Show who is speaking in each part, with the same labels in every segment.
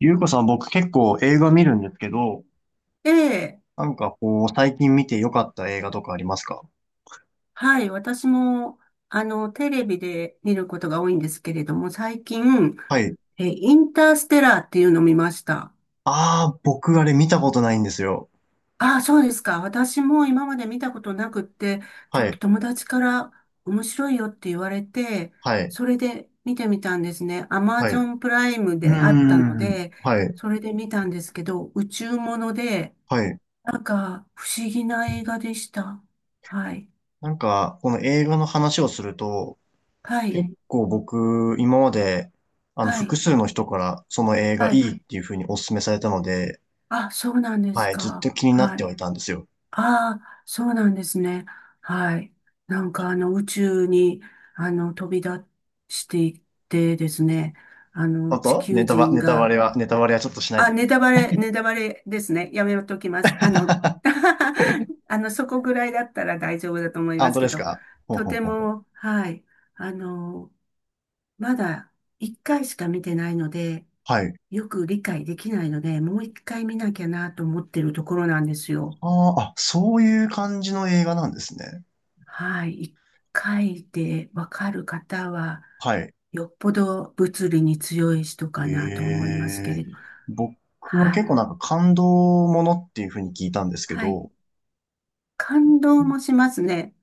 Speaker 1: ゆうこさん、僕結構映画見るんですけど、
Speaker 2: ええ、
Speaker 1: なんかこう、最近見て良かった映画とかありますか？
Speaker 2: はい、私も、テレビで見ることが多いんですけれども、最近、
Speaker 1: はい。
Speaker 2: インターステラーっていうのを見ました。
Speaker 1: ああ、僕あれ見たことないんですよ。
Speaker 2: ああ、そうですか。私も今まで見たことなくって、ちょ
Speaker 1: は
Speaker 2: っと
Speaker 1: い、
Speaker 2: 友達から面白いよって言われて、
Speaker 1: はい、
Speaker 2: それで見てみたんですね。アマ
Speaker 1: はい。
Speaker 2: ゾ
Speaker 1: う
Speaker 2: ンプライム
Speaker 1: ー
Speaker 2: であったの
Speaker 1: ん、
Speaker 2: で、
Speaker 1: はい、
Speaker 2: それで見たんですけど、宇宙もので、
Speaker 1: はい。
Speaker 2: なんか不思議な映画でした。はい。
Speaker 1: なんか、この映画の話をすると、
Speaker 2: はい。
Speaker 1: 結構僕、今まで、
Speaker 2: は
Speaker 1: 複
Speaker 2: い。
Speaker 1: 数の人からその映画
Speaker 2: は
Speaker 1: い
Speaker 2: い。
Speaker 1: いっていう風にお勧めされたので、
Speaker 2: あ、そうなんです
Speaker 1: はい、ずっ
Speaker 2: か。
Speaker 1: と気になっ
Speaker 2: は
Speaker 1: ては
Speaker 2: い。
Speaker 1: いたんですよ。
Speaker 2: ああ、そうなんですね。はい。なんかあの宇宙に飛び出していってですね、あ
Speaker 1: あ
Speaker 2: の地
Speaker 1: と、
Speaker 2: 球人
Speaker 1: ネタバ
Speaker 2: が、
Speaker 1: レは、ちょっとしない
Speaker 2: あ、
Speaker 1: でくだ
Speaker 2: ネタバ
Speaker 1: さい。
Speaker 2: レ、ネタバレですね。やめときます。そこぐらいだったら大丈夫だと思い
Speaker 1: あ、
Speaker 2: ま
Speaker 1: 本
Speaker 2: す
Speaker 1: 当で
Speaker 2: け
Speaker 1: す
Speaker 2: ど、
Speaker 1: か？ほう
Speaker 2: と
Speaker 1: ほう
Speaker 2: て
Speaker 1: ほうほう、
Speaker 2: も、はい。あの、まだ一回しか見てないので、
Speaker 1: はい。
Speaker 2: よく理解できないので、もう一回見なきゃなと思ってるところなんですよ。
Speaker 1: あーあ、そういう感じの映画なんですね。
Speaker 2: はい。一回でわかる方は、
Speaker 1: はい。
Speaker 2: よっぽど物理に強い人か
Speaker 1: え
Speaker 2: なと思いますけ
Speaker 1: え、
Speaker 2: れど。
Speaker 1: 僕は
Speaker 2: は
Speaker 1: 結構
Speaker 2: い。
Speaker 1: なんか感動ものっていうふうに聞いたんですけ
Speaker 2: はい。
Speaker 1: ど、
Speaker 2: 感
Speaker 1: う
Speaker 2: 動
Speaker 1: ん、
Speaker 2: もしますね。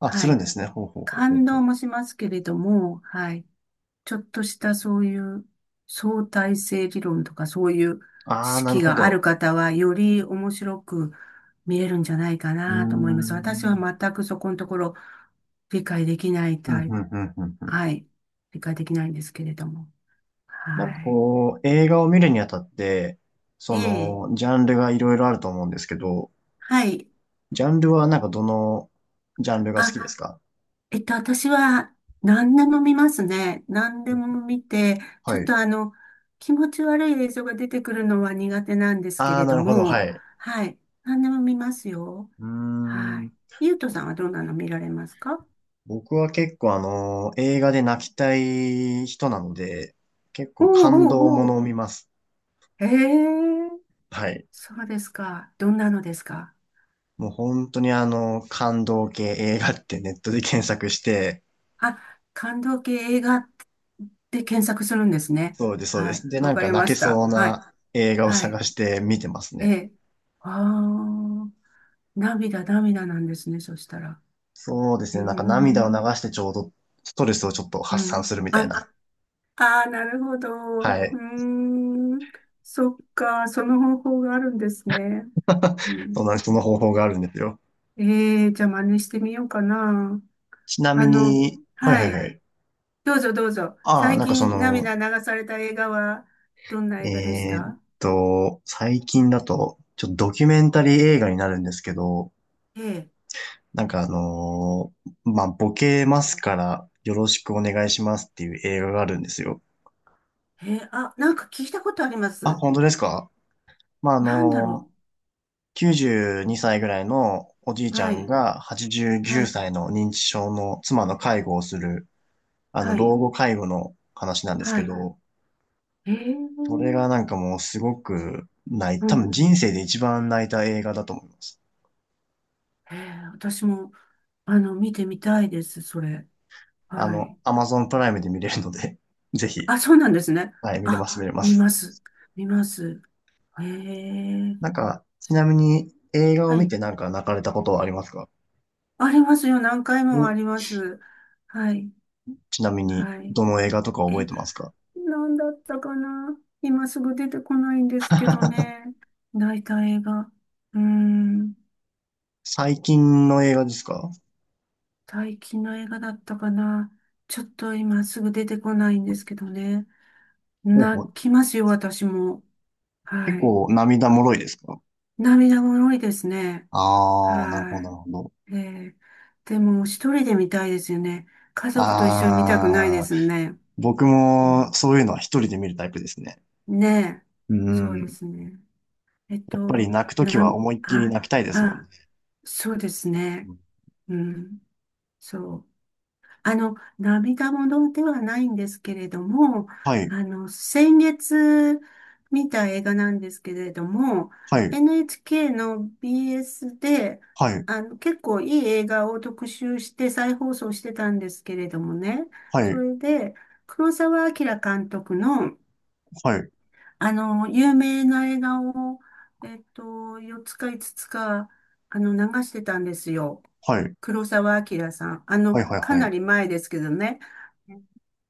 Speaker 1: あ、す
Speaker 2: は
Speaker 1: るん
Speaker 2: い。
Speaker 1: ですね。ほうほうほうほう
Speaker 2: 感
Speaker 1: ほ
Speaker 2: 動
Speaker 1: う。
Speaker 2: もしますけれども、はい。ちょっとしたそういう相対性理論とかそういう知
Speaker 1: ああ、なる
Speaker 2: 識
Speaker 1: ほ
Speaker 2: がある
Speaker 1: ど。
Speaker 2: 方はより面白く見れるんじゃないか
Speaker 1: うー
Speaker 2: なと思います。私は
Speaker 1: ん。
Speaker 2: 全くそこのところ理解できない
Speaker 1: うん
Speaker 2: タイ
Speaker 1: う
Speaker 2: プ、
Speaker 1: んうんうんうん。
Speaker 2: はい、理解できないんですけれども。
Speaker 1: なんか
Speaker 2: はい。
Speaker 1: こう、映画を見るにあたって、
Speaker 2: ええ、
Speaker 1: ジャンルがいろいろあると思うんですけど、
Speaker 2: はい。
Speaker 1: ジャンルはなんかどのジャンルが好きで
Speaker 2: あ、
Speaker 1: すか？
Speaker 2: 私は何でも見ますね。何でも見て、ち
Speaker 1: は
Speaker 2: ょっ
Speaker 1: い。
Speaker 2: と気持ち悪い映像が出てくるのは苦手なんですけ
Speaker 1: ああ、
Speaker 2: れ
Speaker 1: な
Speaker 2: ど
Speaker 1: るほど、は
Speaker 2: も、
Speaker 1: い。
Speaker 2: はい。何でも見ますよ。
Speaker 1: うー
Speaker 2: はい。
Speaker 1: ん。
Speaker 2: ゆうとさんはどんなの見られますか？
Speaker 1: 僕は結構映画で泣きたい人なので、結
Speaker 2: お
Speaker 1: 構
Speaker 2: う
Speaker 1: 感動も
Speaker 2: おう
Speaker 1: の
Speaker 2: お
Speaker 1: を見ます。
Speaker 2: う。へえ、
Speaker 1: はい。
Speaker 2: そうですか。どんなのですか？
Speaker 1: もう本当に感動系映画ってネットで検索して、
Speaker 2: あ、感動系映画って検索するんですね。
Speaker 1: そうです、そうで
Speaker 2: はい。
Speaker 1: す。で、
Speaker 2: わ
Speaker 1: なん
Speaker 2: か
Speaker 1: か
Speaker 2: り
Speaker 1: 泣
Speaker 2: ま
Speaker 1: け
Speaker 2: し
Speaker 1: そ
Speaker 2: た。
Speaker 1: う
Speaker 2: はい。
Speaker 1: な映画を
Speaker 2: は
Speaker 1: 探
Speaker 2: い。
Speaker 1: して見てます
Speaker 2: え
Speaker 1: ね。
Speaker 2: え。ああ、涙、涙なんですね。そしたら。
Speaker 1: そうです
Speaker 2: うー
Speaker 1: ね。なんか涙を流
Speaker 2: ん。
Speaker 1: してちょうどストレスをちょっと
Speaker 2: う
Speaker 1: 発散す
Speaker 2: ん。
Speaker 1: るみたい
Speaker 2: あ、
Speaker 1: な。
Speaker 2: あー、なるほど。う
Speaker 1: は
Speaker 2: ー
Speaker 1: い。
Speaker 2: ん。そっか、その方法があるんですね。うん。
Speaker 1: そんな、その方法があるんですよ。
Speaker 2: ええー、じゃあ真似してみようかな。
Speaker 1: ちな
Speaker 2: あ
Speaker 1: み
Speaker 2: の、
Speaker 1: に、はいは
Speaker 2: は
Speaker 1: い
Speaker 2: い。
Speaker 1: はい。
Speaker 2: どうぞどうぞ。
Speaker 1: ああ、
Speaker 2: 最
Speaker 1: なんかそ
Speaker 2: 近
Speaker 1: の、
Speaker 2: 涙流された映画は、どんな映画でし
Speaker 1: えーっ
Speaker 2: た？
Speaker 1: 最近だと、ちょっとドキュメンタリー映画になるんですけど、
Speaker 2: ええ、
Speaker 1: なんかまあ、ボケますからよろしくお願いしますっていう映画があるんですよ。
Speaker 2: ええ、あ、なんか聞いたことありま
Speaker 1: あ、
Speaker 2: す。
Speaker 1: 本当ですか？まあ、
Speaker 2: なんだろ
Speaker 1: 92歳ぐらいのおじい
Speaker 2: う。
Speaker 1: ちゃ
Speaker 2: は
Speaker 1: ん
Speaker 2: い、
Speaker 1: が89
Speaker 2: はい、
Speaker 1: 歳の認知症の妻の介護をする、
Speaker 2: は
Speaker 1: 老
Speaker 2: い、
Speaker 1: 後介護の話なんですけ
Speaker 2: はい。
Speaker 1: ど、
Speaker 2: え
Speaker 1: それ
Speaker 2: え、
Speaker 1: がなんかもうすごく
Speaker 2: う
Speaker 1: 多分
Speaker 2: ん、
Speaker 1: 人生で一番泣いた映画だと思います。
Speaker 2: 私も、見てみたいです、それ。はい。
Speaker 1: Amazon プライムで見れるので、ぜひ、
Speaker 2: あ、そうなんですね。
Speaker 1: はい、見れま
Speaker 2: あ、
Speaker 1: す、見れま
Speaker 2: 見
Speaker 1: す。
Speaker 2: ます。見ます。へえ。
Speaker 1: なんか、ちなみに映画を
Speaker 2: は
Speaker 1: 見
Speaker 2: い。
Speaker 1: てなんか泣かれたことはありますか？
Speaker 2: ありますよ。何回もあ
Speaker 1: お、
Speaker 2: ります。はい。
Speaker 1: ちなみに、
Speaker 2: はい。
Speaker 1: どの映画とか覚え
Speaker 2: え、
Speaker 1: てますか？
Speaker 2: なんだったかな。今すぐ出てこないんですけど ね。泣いた映画。うーん。
Speaker 1: 最近の映画ですか？
Speaker 2: 最近の映画だったかな。ちょっと今すぐ出てこないんですけどね。
Speaker 1: ほうほ
Speaker 2: 泣
Speaker 1: う、
Speaker 2: きますよ、私も。
Speaker 1: 結
Speaker 2: はい。
Speaker 1: 構涙もろいですか？
Speaker 2: 涙もろいですね。
Speaker 1: ああー、なるほ
Speaker 2: は
Speaker 1: ど、なるほど。
Speaker 2: い。ーでも、一人で見たいですよね。家族と一緒に見たくないで
Speaker 1: ああ、
Speaker 2: すね。
Speaker 1: 僕
Speaker 2: う
Speaker 1: も
Speaker 2: ん、
Speaker 1: そういうのは一人で見るタイプですね。
Speaker 2: ねえ。
Speaker 1: う
Speaker 2: そうで
Speaker 1: ん。
Speaker 2: すね。えっ
Speaker 1: やっぱり
Speaker 2: と、
Speaker 1: 泣くとき
Speaker 2: な
Speaker 1: は
Speaker 2: ん、
Speaker 1: 思いっきり
Speaker 2: あ、
Speaker 1: 泣きたいですもんね。
Speaker 2: あ、そうですね。うん。そう。涙ものではないんですけれども、
Speaker 1: はい、
Speaker 2: 先月見た映画なんですけれども、
Speaker 1: はい、
Speaker 2: NHK の BS で、
Speaker 1: はい、
Speaker 2: 結構いい映画を特集して再放送してたんですけれどもね、
Speaker 1: は
Speaker 2: そ
Speaker 1: い、
Speaker 2: れで、黒澤明監督の、
Speaker 1: はい、
Speaker 2: 有名な映画を、えっと、4つか5つつか、流してたんですよ。
Speaker 1: はい。
Speaker 2: 黒澤明さん。
Speaker 1: はいはい
Speaker 2: か
Speaker 1: は
Speaker 2: な
Speaker 1: い。
Speaker 2: り前ですけどね。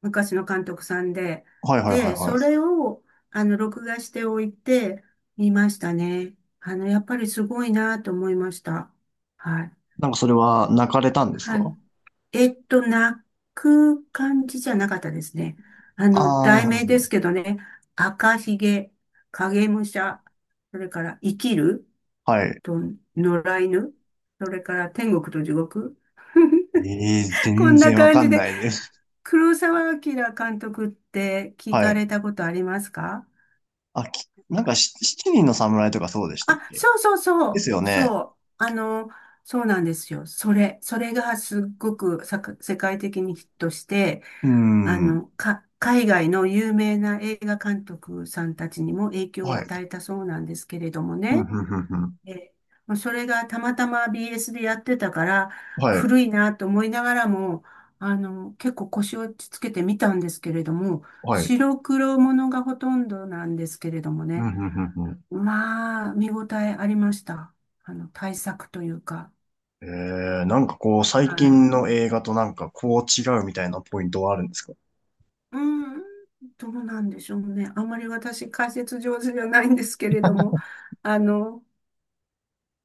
Speaker 2: 昔の監督さんで。
Speaker 1: はいはいはい
Speaker 2: で、
Speaker 1: は
Speaker 2: そ
Speaker 1: い。
Speaker 2: れを、録画しておいて、見ましたね。やっぱりすごいなと思いました。はい。
Speaker 1: なんかそれは泣かれたんです
Speaker 2: は
Speaker 1: か？
Speaker 2: い。泣く感じじゃなかったですね。
Speaker 1: ああー、
Speaker 2: 題
Speaker 1: なる
Speaker 2: 名
Speaker 1: ほど。な
Speaker 2: で
Speaker 1: るほ
Speaker 2: す
Speaker 1: ど、
Speaker 2: けどね。赤ひげ、影武者、それから生きる
Speaker 1: はい。
Speaker 2: と野良犬、それから天国と地獄。
Speaker 1: ええー、
Speaker 2: こ
Speaker 1: 全
Speaker 2: んな
Speaker 1: 然わ
Speaker 2: 感
Speaker 1: か
Speaker 2: じ
Speaker 1: ん
Speaker 2: で、
Speaker 1: ないです。
Speaker 2: 黒澤明監督って聞
Speaker 1: は
Speaker 2: か
Speaker 1: い。
Speaker 2: れたことありますか？
Speaker 1: あ、なんか七人の侍とかそうでしたっ
Speaker 2: あ、
Speaker 1: け？
Speaker 2: そうそうそ
Speaker 1: で
Speaker 2: う、
Speaker 1: すよね。
Speaker 2: そう、そうなんですよ。それがすっごく世界的にヒットして、
Speaker 1: うーん。
Speaker 2: 海外の有名な映画監督さんたちにも影響を
Speaker 1: はい。
Speaker 2: 与えたそうなんですけれども
Speaker 1: ふん
Speaker 2: ね。
Speaker 1: ふんふんふん。
Speaker 2: え、もうそれがたまたま BS でやってたから、
Speaker 1: はい。
Speaker 2: 古いなと思いながらも、結構腰をつけてみたんですけれども、
Speaker 1: はい。
Speaker 2: 白黒ものがほとんどなんですけれども
Speaker 1: ふ
Speaker 2: ね。
Speaker 1: んふんふんふん。
Speaker 2: まあ、見応えありました。対策というか。
Speaker 1: ええー、なんかこう、最
Speaker 2: はい。
Speaker 1: 近の映画となんかこう違うみたいなポイントはあるんですか？
Speaker 2: うん、どうなんでしょうね。あんまり私解説上手じゃないんですけれども、あの、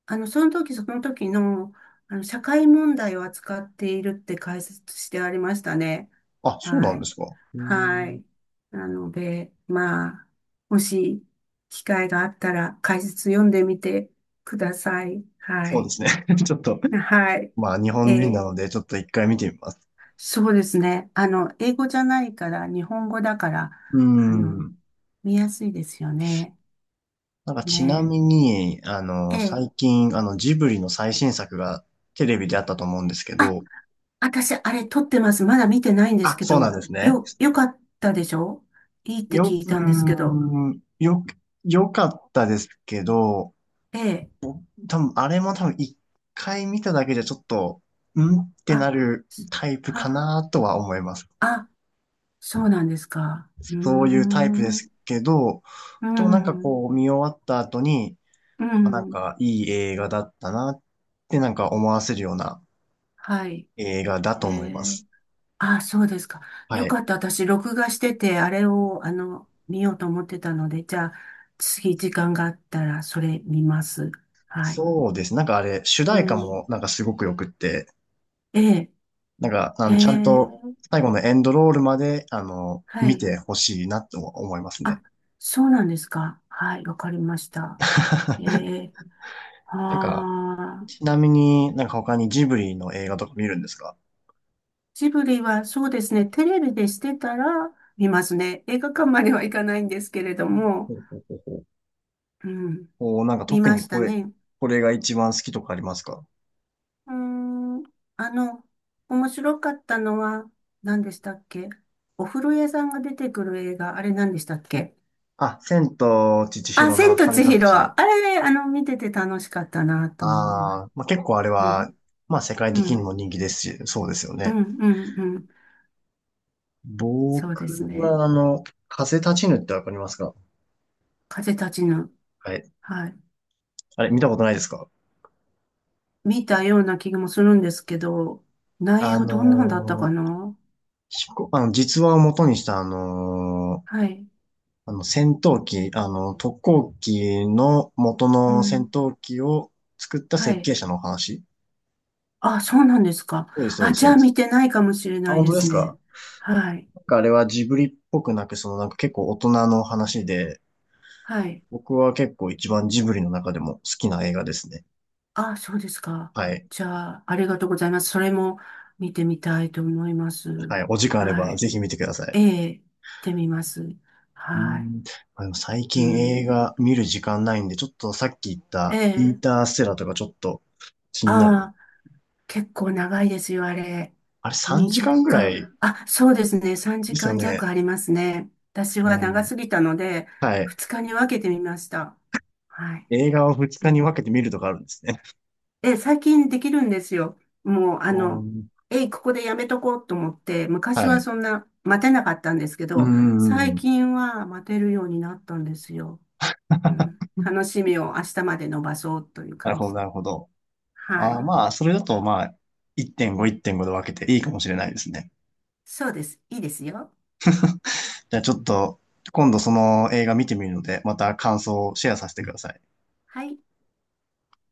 Speaker 2: その時その時の、社会問題を扱っているって解説してありましたね。
Speaker 1: あ、そうな
Speaker 2: は
Speaker 1: んで
Speaker 2: い。
Speaker 1: すか。うー
Speaker 2: は
Speaker 1: ん。
Speaker 2: い。なので、まあ、もし機会があったら解説読んでみてください。は
Speaker 1: そうで
Speaker 2: い。
Speaker 1: すね。ちょっと、
Speaker 2: はい。
Speaker 1: まあ日本人
Speaker 2: え
Speaker 1: な
Speaker 2: ー
Speaker 1: ので、ちょっと一回見てみます。
Speaker 2: そうですね。英語じゃないから、日本語だから、
Speaker 1: うー
Speaker 2: あの、
Speaker 1: ん。
Speaker 2: 見やすいですよね。
Speaker 1: なんかちな
Speaker 2: ね
Speaker 1: みに、
Speaker 2: え。ええ。
Speaker 1: 最近、ジブリの最新作がテレビであったと思うんですけ
Speaker 2: あ、
Speaker 1: ど、
Speaker 2: 私、あれ撮ってます。まだ見てないんです
Speaker 1: あ、
Speaker 2: け
Speaker 1: そうなん
Speaker 2: ど、
Speaker 1: ですね。
Speaker 2: よかったでしょ？いいって聞
Speaker 1: よ、
Speaker 2: い
Speaker 1: う
Speaker 2: たんですけど。
Speaker 1: ーん、よ、よかったですけど、
Speaker 2: ええ。
Speaker 1: 多分、あれも多分一回見ただけじゃちょっと、んってな
Speaker 2: あ、
Speaker 1: るタイプか
Speaker 2: あ、
Speaker 1: なとは思います。
Speaker 2: あ、そうなんですか。うー
Speaker 1: そういうタイプで
Speaker 2: ん。う
Speaker 1: すけど、でもなんか
Speaker 2: ん。
Speaker 1: こう、見終わった後に、
Speaker 2: う
Speaker 1: あ、なん
Speaker 2: ん。
Speaker 1: かいい映画だったなってなんか思わせるような
Speaker 2: はい。
Speaker 1: 映画だと
Speaker 2: え
Speaker 1: 思いま
Speaker 2: え。
Speaker 1: す。
Speaker 2: あ、そうですか。
Speaker 1: は
Speaker 2: よ
Speaker 1: い。
Speaker 2: かった。私、録画してて、あれを、見ようと思ってたので、じゃあ、次、時間があったら、それ見ます。はい。
Speaker 1: そうです。なんかあれ、主
Speaker 2: う
Speaker 1: 題歌
Speaker 2: ん。
Speaker 1: もなんかすごくよくって、
Speaker 2: ええ、
Speaker 1: なんか、
Speaker 2: へ
Speaker 1: ちゃんと
Speaker 2: え、
Speaker 1: 最後のエンドロールまで、
Speaker 2: は
Speaker 1: 見
Speaker 2: い。
Speaker 1: てほしいなと思います
Speaker 2: あ、
Speaker 1: ね。
Speaker 2: そうなんですか。はい、わかりました。え え、
Speaker 1: なんか、
Speaker 2: ああ、
Speaker 1: ちなみになんか他にジブリの映画とか見るんですか？
Speaker 2: ジブリは、そうですね、テレビでしてたら、見ますね。映画館まではいかないんですけれど
Speaker 1: ほ
Speaker 2: も、
Speaker 1: うほうほうほう、
Speaker 2: うん、
Speaker 1: おー、なんか
Speaker 2: 見
Speaker 1: 特
Speaker 2: ま
Speaker 1: に
Speaker 2: したね。
Speaker 1: これが一番好きとかありますか？
Speaker 2: うーん、あの、面白かったのは何でしたっけ？お風呂屋さんが出てくる映画、あれ何でしたっけ？
Speaker 1: あ、千と千
Speaker 2: あ、
Speaker 1: 尋
Speaker 2: 千
Speaker 1: の
Speaker 2: と
Speaker 1: 神
Speaker 2: 千
Speaker 1: 隠
Speaker 2: 尋。
Speaker 1: し。
Speaker 2: あれ、見てて楽しかったなと思いま
Speaker 1: あ
Speaker 2: す。
Speaker 1: あ、まあ、結構あれ
Speaker 2: う
Speaker 1: は、
Speaker 2: ん、
Speaker 1: まあ世界
Speaker 2: う
Speaker 1: 的に
Speaker 2: ん、
Speaker 1: も人気ですし、そうですよ
Speaker 2: うん、
Speaker 1: ね。
Speaker 2: うん、うん。そうです
Speaker 1: 僕
Speaker 2: ね。
Speaker 1: は風立ちぬってわかりますか？
Speaker 2: 風立ちぬ。
Speaker 1: はい。
Speaker 2: はい。
Speaker 1: あれ、見たことないですか？
Speaker 2: 見たような気もするんですけど、内
Speaker 1: あ
Speaker 2: 容どんなんだったか
Speaker 1: のー
Speaker 2: な？
Speaker 1: 実話を元にした、
Speaker 2: はい。
Speaker 1: 戦闘機、特攻機の元
Speaker 2: う
Speaker 1: の戦
Speaker 2: ん。
Speaker 1: 闘機を作った
Speaker 2: は
Speaker 1: 設
Speaker 2: い。
Speaker 1: 計者のお話。
Speaker 2: あ、そうなんですか。
Speaker 1: そうです、そうで
Speaker 2: あ、
Speaker 1: す、
Speaker 2: じ
Speaker 1: そ
Speaker 2: ゃ
Speaker 1: う
Speaker 2: あ
Speaker 1: で
Speaker 2: 見
Speaker 1: す。
Speaker 2: てないかもしれ
Speaker 1: あ、
Speaker 2: ない
Speaker 1: 本
Speaker 2: で
Speaker 1: 当で
Speaker 2: す
Speaker 1: す
Speaker 2: ね。
Speaker 1: か？
Speaker 2: はい。
Speaker 1: なんかあれはジブリっぽくなく、そのなんか結構大人の話で、
Speaker 2: はい。
Speaker 1: 僕は結構一番ジブリの中でも好きな映画ですね。
Speaker 2: あ、そうですか。
Speaker 1: はい。
Speaker 2: じゃあ、ありがとうございます。それも見てみたいと思います。
Speaker 1: はい。お時間あれ
Speaker 2: は
Speaker 1: ば
Speaker 2: い。
Speaker 1: ぜひ見てください。
Speaker 2: ええ、行ってみます。
Speaker 1: う
Speaker 2: はい。
Speaker 1: ん、まあでも最
Speaker 2: う
Speaker 1: 近映
Speaker 2: ん。
Speaker 1: 画見る時間ないんで、ちょっとさっき言っ
Speaker 2: え
Speaker 1: たイン
Speaker 2: え、
Speaker 1: ターステラーとかちょっと気になる。
Speaker 2: ああ、結構長いですよ、あれ。
Speaker 1: あれ3時
Speaker 2: 2
Speaker 1: 間ぐ
Speaker 2: 時
Speaker 1: ら
Speaker 2: 間。
Speaker 1: い
Speaker 2: あ、そうですね。3
Speaker 1: です
Speaker 2: 時
Speaker 1: よ
Speaker 2: 間弱あ
Speaker 1: ね。
Speaker 2: りますね。私は
Speaker 1: う
Speaker 2: 長
Speaker 1: ん、
Speaker 2: すぎたので、
Speaker 1: はい。
Speaker 2: 2日に分けてみました。はい。
Speaker 1: 映画を2
Speaker 2: う
Speaker 1: 日に分け
Speaker 2: ん。
Speaker 1: て見るとかあるんですね。
Speaker 2: 最近できるんですよ。もう、
Speaker 1: うん、
Speaker 2: えい、ここでやめとこうと思って、昔
Speaker 1: は
Speaker 2: は
Speaker 1: い。
Speaker 2: そんな待てなかったんですけ
Speaker 1: う
Speaker 2: ど、最
Speaker 1: ん。
Speaker 2: 近は待てるようになったんですよ。うん。楽しみを明日まで伸ばそうという
Speaker 1: なる
Speaker 2: 感
Speaker 1: ほど、
Speaker 2: じ
Speaker 1: な
Speaker 2: で。
Speaker 1: るほど。
Speaker 2: は
Speaker 1: あー
Speaker 2: い。
Speaker 1: まあ、それだとまあ、1.5、1.5で分けていいかもしれないですね。
Speaker 2: そうです。いいですよ。
Speaker 1: じゃあちょっと、今度その映画見てみるので、また感想をシェアさせてください。
Speaker 2: はい。